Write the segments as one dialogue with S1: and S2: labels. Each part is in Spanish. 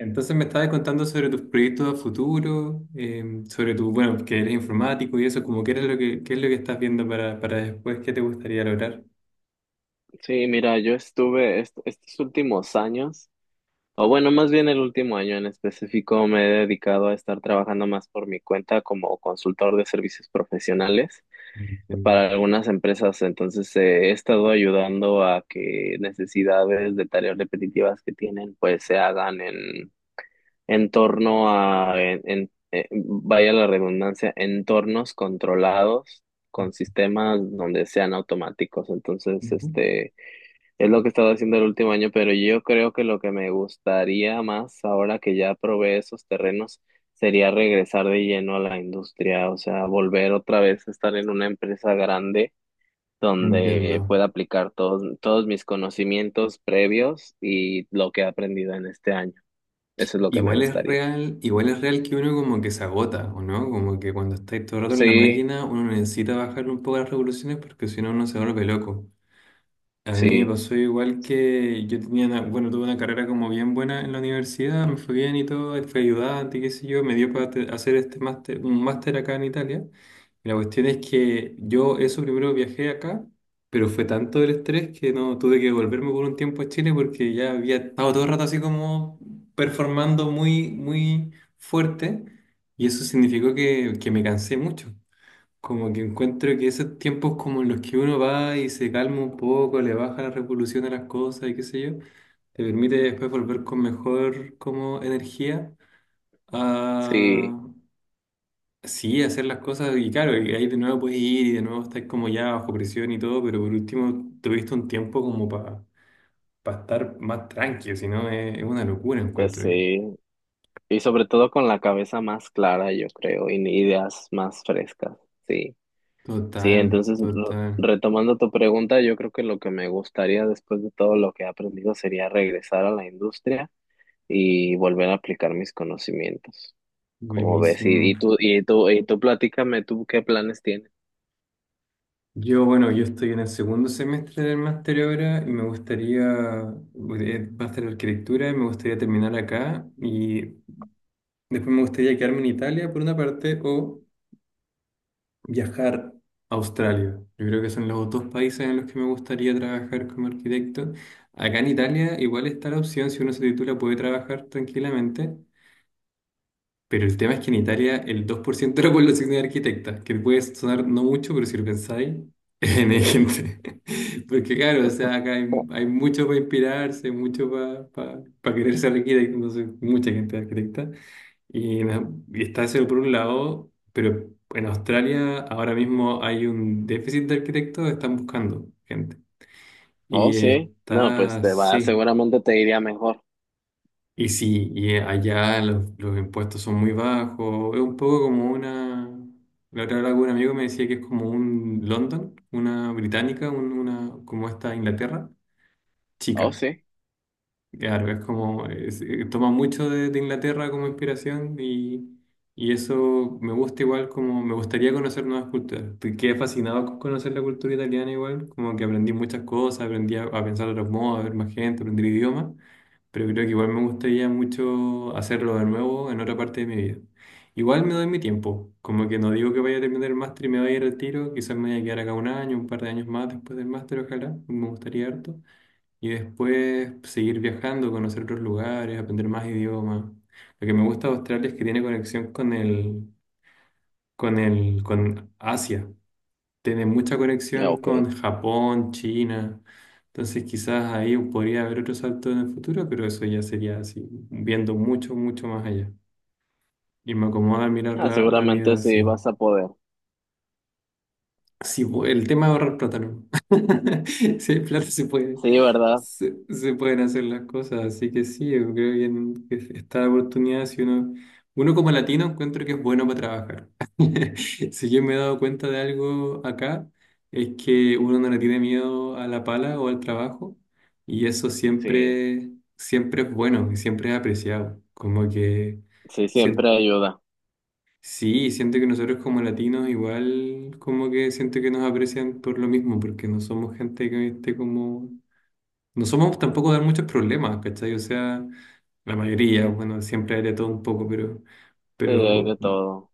S1: Entonces me estabas contando sobre tus proyectos a futuro, sobre tu, bueno, que eres informático y eso, como qué es lo qué es lo que estás viendo para después, qué te gustaría lograr.
S2: Sí, mira, yo estuve estos últimos años, o bueno, más bien el último año en específico, me he dedicado a estar trabajando más por mi cuenta como consultor de servicios profesionales
S1: Entiendo.
S2: para algunas empresas. Entonces, he estado ayudando a que necesidades de tareas repetitivas que tienen, pues se hagan en torno a, vaya la redundancia, entornos controlados con sistemas donde sean automáticos. Entonces,
S1: Ujú.
S2: Es lo que he estado haciendo el último año, pero yo creo que lo que me gustaría más ahora que ya probé esos terrenos sería regresar de lleno a la industria, o sea, volver otra vez a estar en una empresa grande donde
S1: Entiendo.
S2: pueda aplicar todos mis conocimientos previos y lo que he aprendido en este año. Eso es lo que me gustaría.
S1: Igual es real que uno como que se agota, ¿o no? Como que cuando estáis todo el rato en la
S2: Sí,
S1: máquina, uno necesita bajar un poco las revoluciones porque si no, uno se vuelve loco. A mí me
S2: sí,
S1: pasó igual que yo tenía una, bueno, tuve una carrera como bien buena en la universidad, me fue bien y todo, fui ayudante, qué sé yo, me dio para hacer este máster, un máster acá en Italia. Y la cuestión es que yo eso primero viajé acá, pero fue tanto el estrés que no tuve que volverme por un tiempo a Chile porque ya había estado todo el rato así como performando muy, muy fuerte y eso significó que me cansé mucho. Como que encuentro que esos tiempos como en los que uno va y se calma un poco, le baja la revolución a las cosas y qué sé yo, te permite después volver con mejor como energía
S2: sí,
S1: a sí, hacer las cosas y claro, y ahí de nuevo puedes ir y de nuevo estás como ya bajo presión y todo, pero por último tuviste un tiempo como para estar más tranquilo, si no es, es una locura
S2: pues
S1: encuentro yo.
S2: sí. Y sobre todo con la cabeza más clara, yo creo, y ideas más frescas. Sí. Sí,
S1: Total,
S2: entonces
S1: total,
S2: retomando tu pregunta, yo creo que lo que me gustaría después de todo lo que he aprendido sería regresar a la industria y volver a aplicar mis conocimientos. Como ves, y,
S1: buenísimo.
S2: y tú, y tú, y tú platícame, tú qué planes tienes.
S1: Yo, bueno, yo estoy en el segundo semestre del máster ahora y me gustaría, va a ser arquitectura y me gustaría terminar acá y después me gustaría quedarme en Italia por una parte o viajar a Australia. Yo creo que son los dos países en los que me gustaría trabajar como arquitecto. Acá en Italia igual está la opción, si uno se titula puede trabajar tranquilamente, pero el tema es que en Italia el 2% de la población es arquitecta, que puede sonar no mucho, pero si lo pensáis, en hay gente. Porque claro, o sea, acá hay,
S2: Oh,
S1: hay mucho para inspirarse, mucho para querer ser arquitecto, entonces mucha gente es arquitecta. Y, y está eso por un lado, pero en Australia ahora mismo hay un déficit de arquitectos, están buscando gente.
S2: oh,
S1: Y
S2: sí, no, pues
S1: está,
S2: te va,
S1: sí.
S2: seguramente te iría mejor.
S1: Y sí, y allá los impuestos son muy bajos. Es un poco como una. La otra vez algún amigo me decía que es como un London, una británica, una, como esta Inglaterra,
S2: Oh,
S1: chica.
S2: sí,
S1: Claro, es como. Toma mucho de Inglaterra como inspiración y eso me gusta igual como. Me gustaría conocer nuevas culturas. Quedé fascinado con conocer la cultura italiana igual, como que aprendí muchas cosas, aprendí a pensar de otros modos, a ver más gente, aprendí idiomas pero creo que igual me gustaría mucho hacerlo de nuevo en otra parte de mi vida. Igual me doy mi tiempo, como que no digo que vaya a terminar el máster y me vaya a ir al tiro, quizás me vaya a quedar acá un año, un par de años más después del máster, ojalá, me gustaría harto. Y después seguir viajando, conocer otros lugares, aprender más idiomas. Lo que me gusta de Australia es que tiene conexión con el, con el, con Asia tiene mucha conexión
S2: ok.
S1: con Japón, China. Entonces quizás ahí podría haber otro salto en el futuro, pero eso ya sería así, viendo mucho, mucho más allá. Y me acomoda mirar
S2: Ah,
S1: la, la vida
S2: seguramente sí
S1: así.
S2: vas a poder.
S1: Sí, el tema de ahorrar plata, ¿no? Sí, hay plata se puede,
S2: Sí, ¿verdad?
S1: se pueden hacer las cosas, así que sí, yo creo que, que está la oportunidad si uno, uno como latino encuentro que es bueno para trabajar. Si yo me he dado cuenta de algo acá, es que uno no le tiene miedo a la pala o al trabajo, y eso
S2: Sí,
S1: siempre, siempre es bueno y siempre es apreciado. Como que
S2: sí, siempre
S1: sien-
S2: ayuda.
S1: sí, siento que nosotros como latinos igual como que siento que nos aprecian por lo mismo, porque no somos gente que esté como... No somos tampoco de muchos problemas, ¿cachai? O sea, la mayoría, bueno, siempre hay de todo un poco,
S2: Sí, hay de
S1: pero,
S2: todo.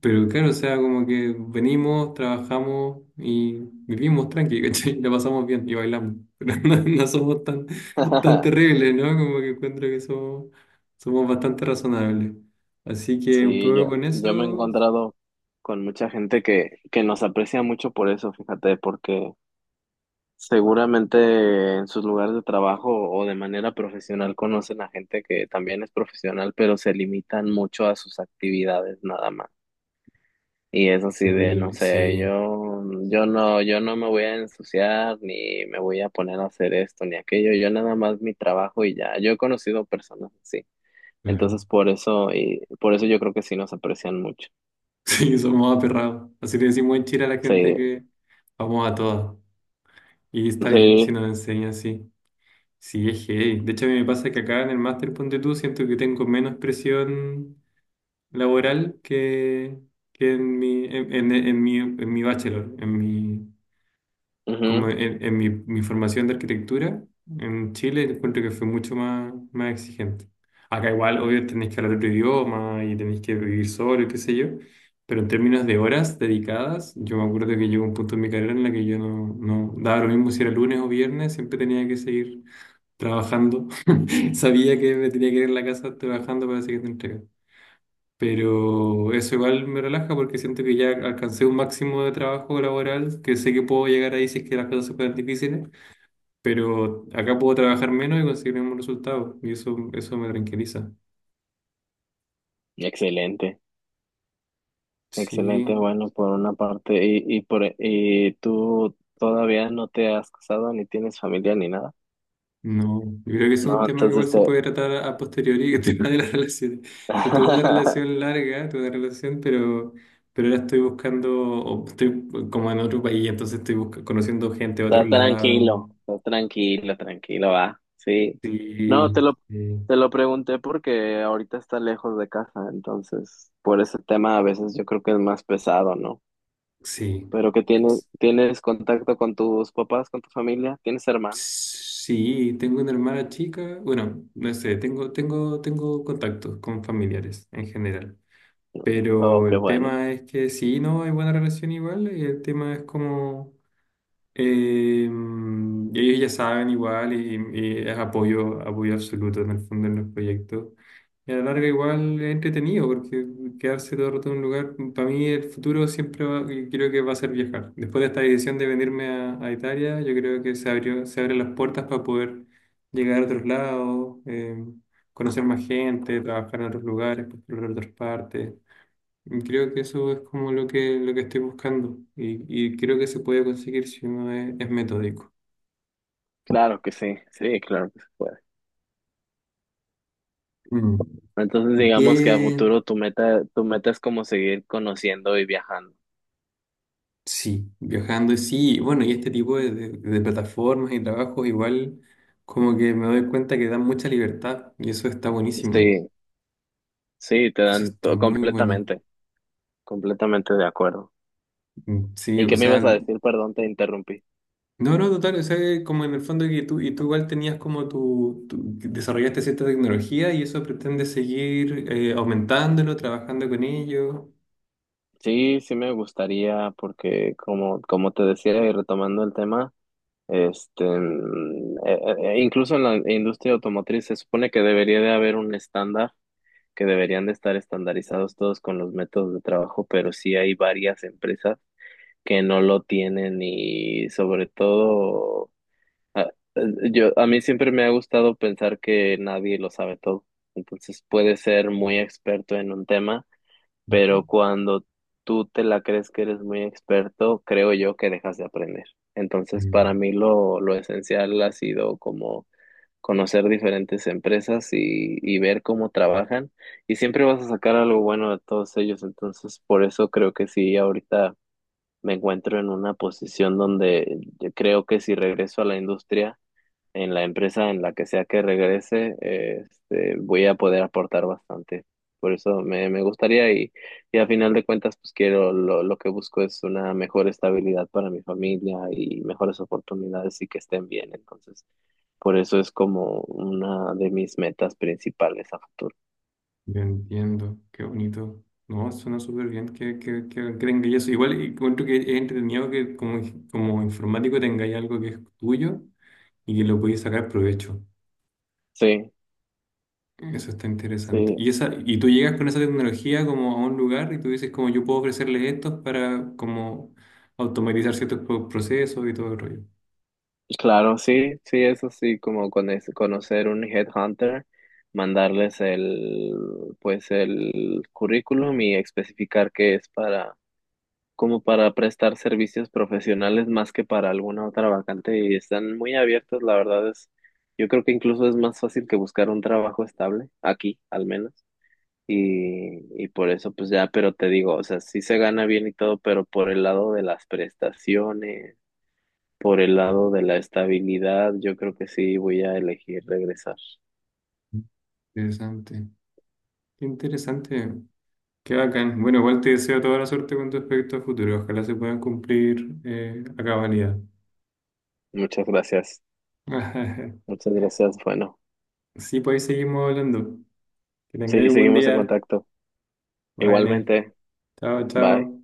S1: pero claro, o sea, como que venimos, trabajamos y vivimos tranqui, ¿cachai? La pasamos bien y bailamos, pero no, no somos tan, tan terribles, ¿no? Como que encuentro que somos, somos bastante razonables. Así que un
S2: Sí,
S1: poco con
S2: yo me he
S1: eso
S2: encontrado con mucha gente que nos aprecia mucho por eso, fíjate, porque seguramente en sus lugares de trabajo o de manera profesional conocen a gente que también es profesional, pero se limitan mucho a sus actividades nada más. Y es así de, no
S1: terrible,
S2: sé,
S1: sí,
S2: yo no me voy a ensuciar, ni me voy a poner a hacer esto, ni aquello, yo nada más mi trabajo y ya. Yo he conocido personas así.
S1: claro.
S2: Entonces por eso, y por eso yo creo que sí nos aprecian mucho.
S1: Sí, somos aperrados. Así le decimos en Chile a la gente
S2: Sí,
S1: que vamos a todas. Y está bien si
S2: sí,
S1: nos enseñan así. Sí, es heavy. De hecho, a mí me pasa que acá en el máster Ponte Tú siento que tengo menos presión laboral que en mi, en, en mi bachelor, en mi, como
S2: ujú.
S1: en mi, mi formación de arquitectura en Chile, encuentro que fue mucho más, más exigente. Acá igual, obvio, tenéis que hablar otro idioma y tenéis que vivir solo, y qué sé yo, pero en términos de horas dedicadas, yo me acuerdo que llegó un punto en mi carrera en la que yo no, no daba lo mismo si era lunes o viernes, siempre tenía que seguir trabajando. Sabía que me tenía que ir a la casa trabajando para la siguiente entrega. Pero eso igual me relaja porque siento que ya alcancé un máximo de trabajo laboral, que sé que puedo llegar ahí si es que las cosas se ponen difíciles pero acá puedo trabajar menos y conseguir el mismo resultado, y eso me tranquiliza.
S2: Excelente, excelente,
S1: Sí,
S2: bueno, por una parte, y tú todavía no te has casado, ni tienes familia, ni nada.
S1: no, yo creo que ese es un
S2: No,
S1: tema que igual
S2: entonces
S1: se
S2: te...
S1: puede tratar a posteriori, el tema de las relaciones. Yo tuve una relación larga, tuve una relación, pero ahora estoy buscando, o estoy como en otro país, entonces estoy conociendo gente de otro lado.
S2: Estás tranquilo, tranquilo, va, sí. No,
S1: Sí, sí,
S2: te lo pregunté porque ahorita está lejos de casa, entonces por ese tema a veces yo creo que es más pesado, ¿no?
S1: sí.
S2: Pero que tienes, tienes contacto con tus papás, con tu familia, tienes hermanos.
S1: Sí, tengo una hermana chica, bueno, no sé, tengo contactos con familiares en general.
S2: Oh,
S1: Pero
S2: qué
S1: el
S2: bueno.
S1: tema es que sí, no, hay buena relación igual, y el tema es como eh, ellos ya saben igual y es apoyo, apoyo absoluto en el fondo en los proyectos. Y a la larga igual es entretenido, porque quedarse todo el rato en un lugar, para mí el futuro siempre y creo que va a ser viajar. Después de esta decisión de venirme a Italia, yo creo que se abrió, se abren las puertas para poder llegar a otros lados, conocer más gente, trabajar en otros lugares, explorar otras partes. Creo que eso es como lo que estoy buscando y creo que se puede conseguir si uno es metódico.
S2: Claro que sí, sí, claro que se puede.
S1: Mm.
S2: Entonces
S1: Y
S2: digamos que a
S1: que,
S2: futuro tu meta es como seguir conociendo y viajando.
S1: sí, viajando, sí, y sí, bueno, y este tipo de, de plataformas y trabajos igual como que me doy cuenta que dan mucha libertad y eso está buenísimo,
S2: Sí, sí, te
S1: eso
S2: dan
S1: está muy bueno.
S2: completamente, completamente de acuerdo.
S1: Mm, sí,
S2: ¿Y
S1: o
S2: qué me
S1: sea,
S2: ibas a
S1: no,
S2: decir? Perdón, te interrumpí.
S1: no, total, o sea, que como en el fondo que tú, y tú igual tenías como tu, que desarrollaste cierta tecnología y eso pretende seguir aumentándolo, trabajando con ello.
S2: Sí, sí me gustaría porque como, como te decía y retomando el tema, este, mm, eh, incluso en la industria automotriz se supone que debería de haber un estándar, que deberían de estar estandarizados todos con los métodos de trabajo, pero sí hay varias empresas que no lo tienen y sobre todo, a, a mí siempre me ha gustado pensar que nadie lo sabe todo. Entonces puedes ser muy experto en un tema, pero
S1: Ujú.
S2: cuando tú te la crees que eres muy experto, creo yo que dejas de aprender. Entonces para
S1: Mm,
S2: mí lo esencial ha sido como conocer diferentes empresas y ver cómo trabajan y siempre vas a sacar algo bueno de todos ellos. Entonces por eso creo que sí, ahorita me encuentro en una posición donde yo creo que si regreso a la industria, en la empresa en la que sea que regrese, voy a poder aportar bastante. Por eso me gustaría y a final de cuentas, pues quiero, lo que busco es una mejor estabilidad para mi familia y mejores oportunidades y que estén bien. Entonces, por eso es como una de mis metas principales a futuro.
S1: yo entiendo, qué bonito. No, suena súper bien que tengáis eso. Igual y encuentro que es entretenido que como, como informático tengáis algo que es tuyo y que lo podéis sacar provecho.
S2: Sí,
S1: Eso está interesante.
S2: sí.
S1: Y esa, y tú llegas con esa tecnología como a un lugar y tú dices como yo puedo ofrecerles esto para como automatizar ciertos procesos y todo el rollo.
S2: Claro, sí, sí, eso sí, como con conocer un headhunter, mandarles el, pues el currículum y especificar que es para, como para prestar servicios profesionales más que para alguna otra vacante y están muy abiertos, la verdad es, yo creo que incluso es más fácil que buscar un trabajo estable, aquí al menos, y por eso pues ya, pero te digo, o sea, sí se gana bien y todo, pero por el lado de las prestaciones por el lado de la estabilidad, yo creo que sí voy a elegir regresar.
S1: Interesante. Qué interesante. Qué bacán. Bueno, igual te deseo toda la suerte con respecto a futuro. Ojalá se puedan cumplir a cabalidad.
S2: Muchas gracias. Muchas gracias. Bueno,
S1: Sí, pues ahí seguimos hablando. Que tengáis
S2: sí,
S1: un buen
S2: seguimos en
S1: día.
S2: contacto.
S1: Bye, Nene.
S2: Igualmente,
S1: Chao,
S2: bye.
S1: chao.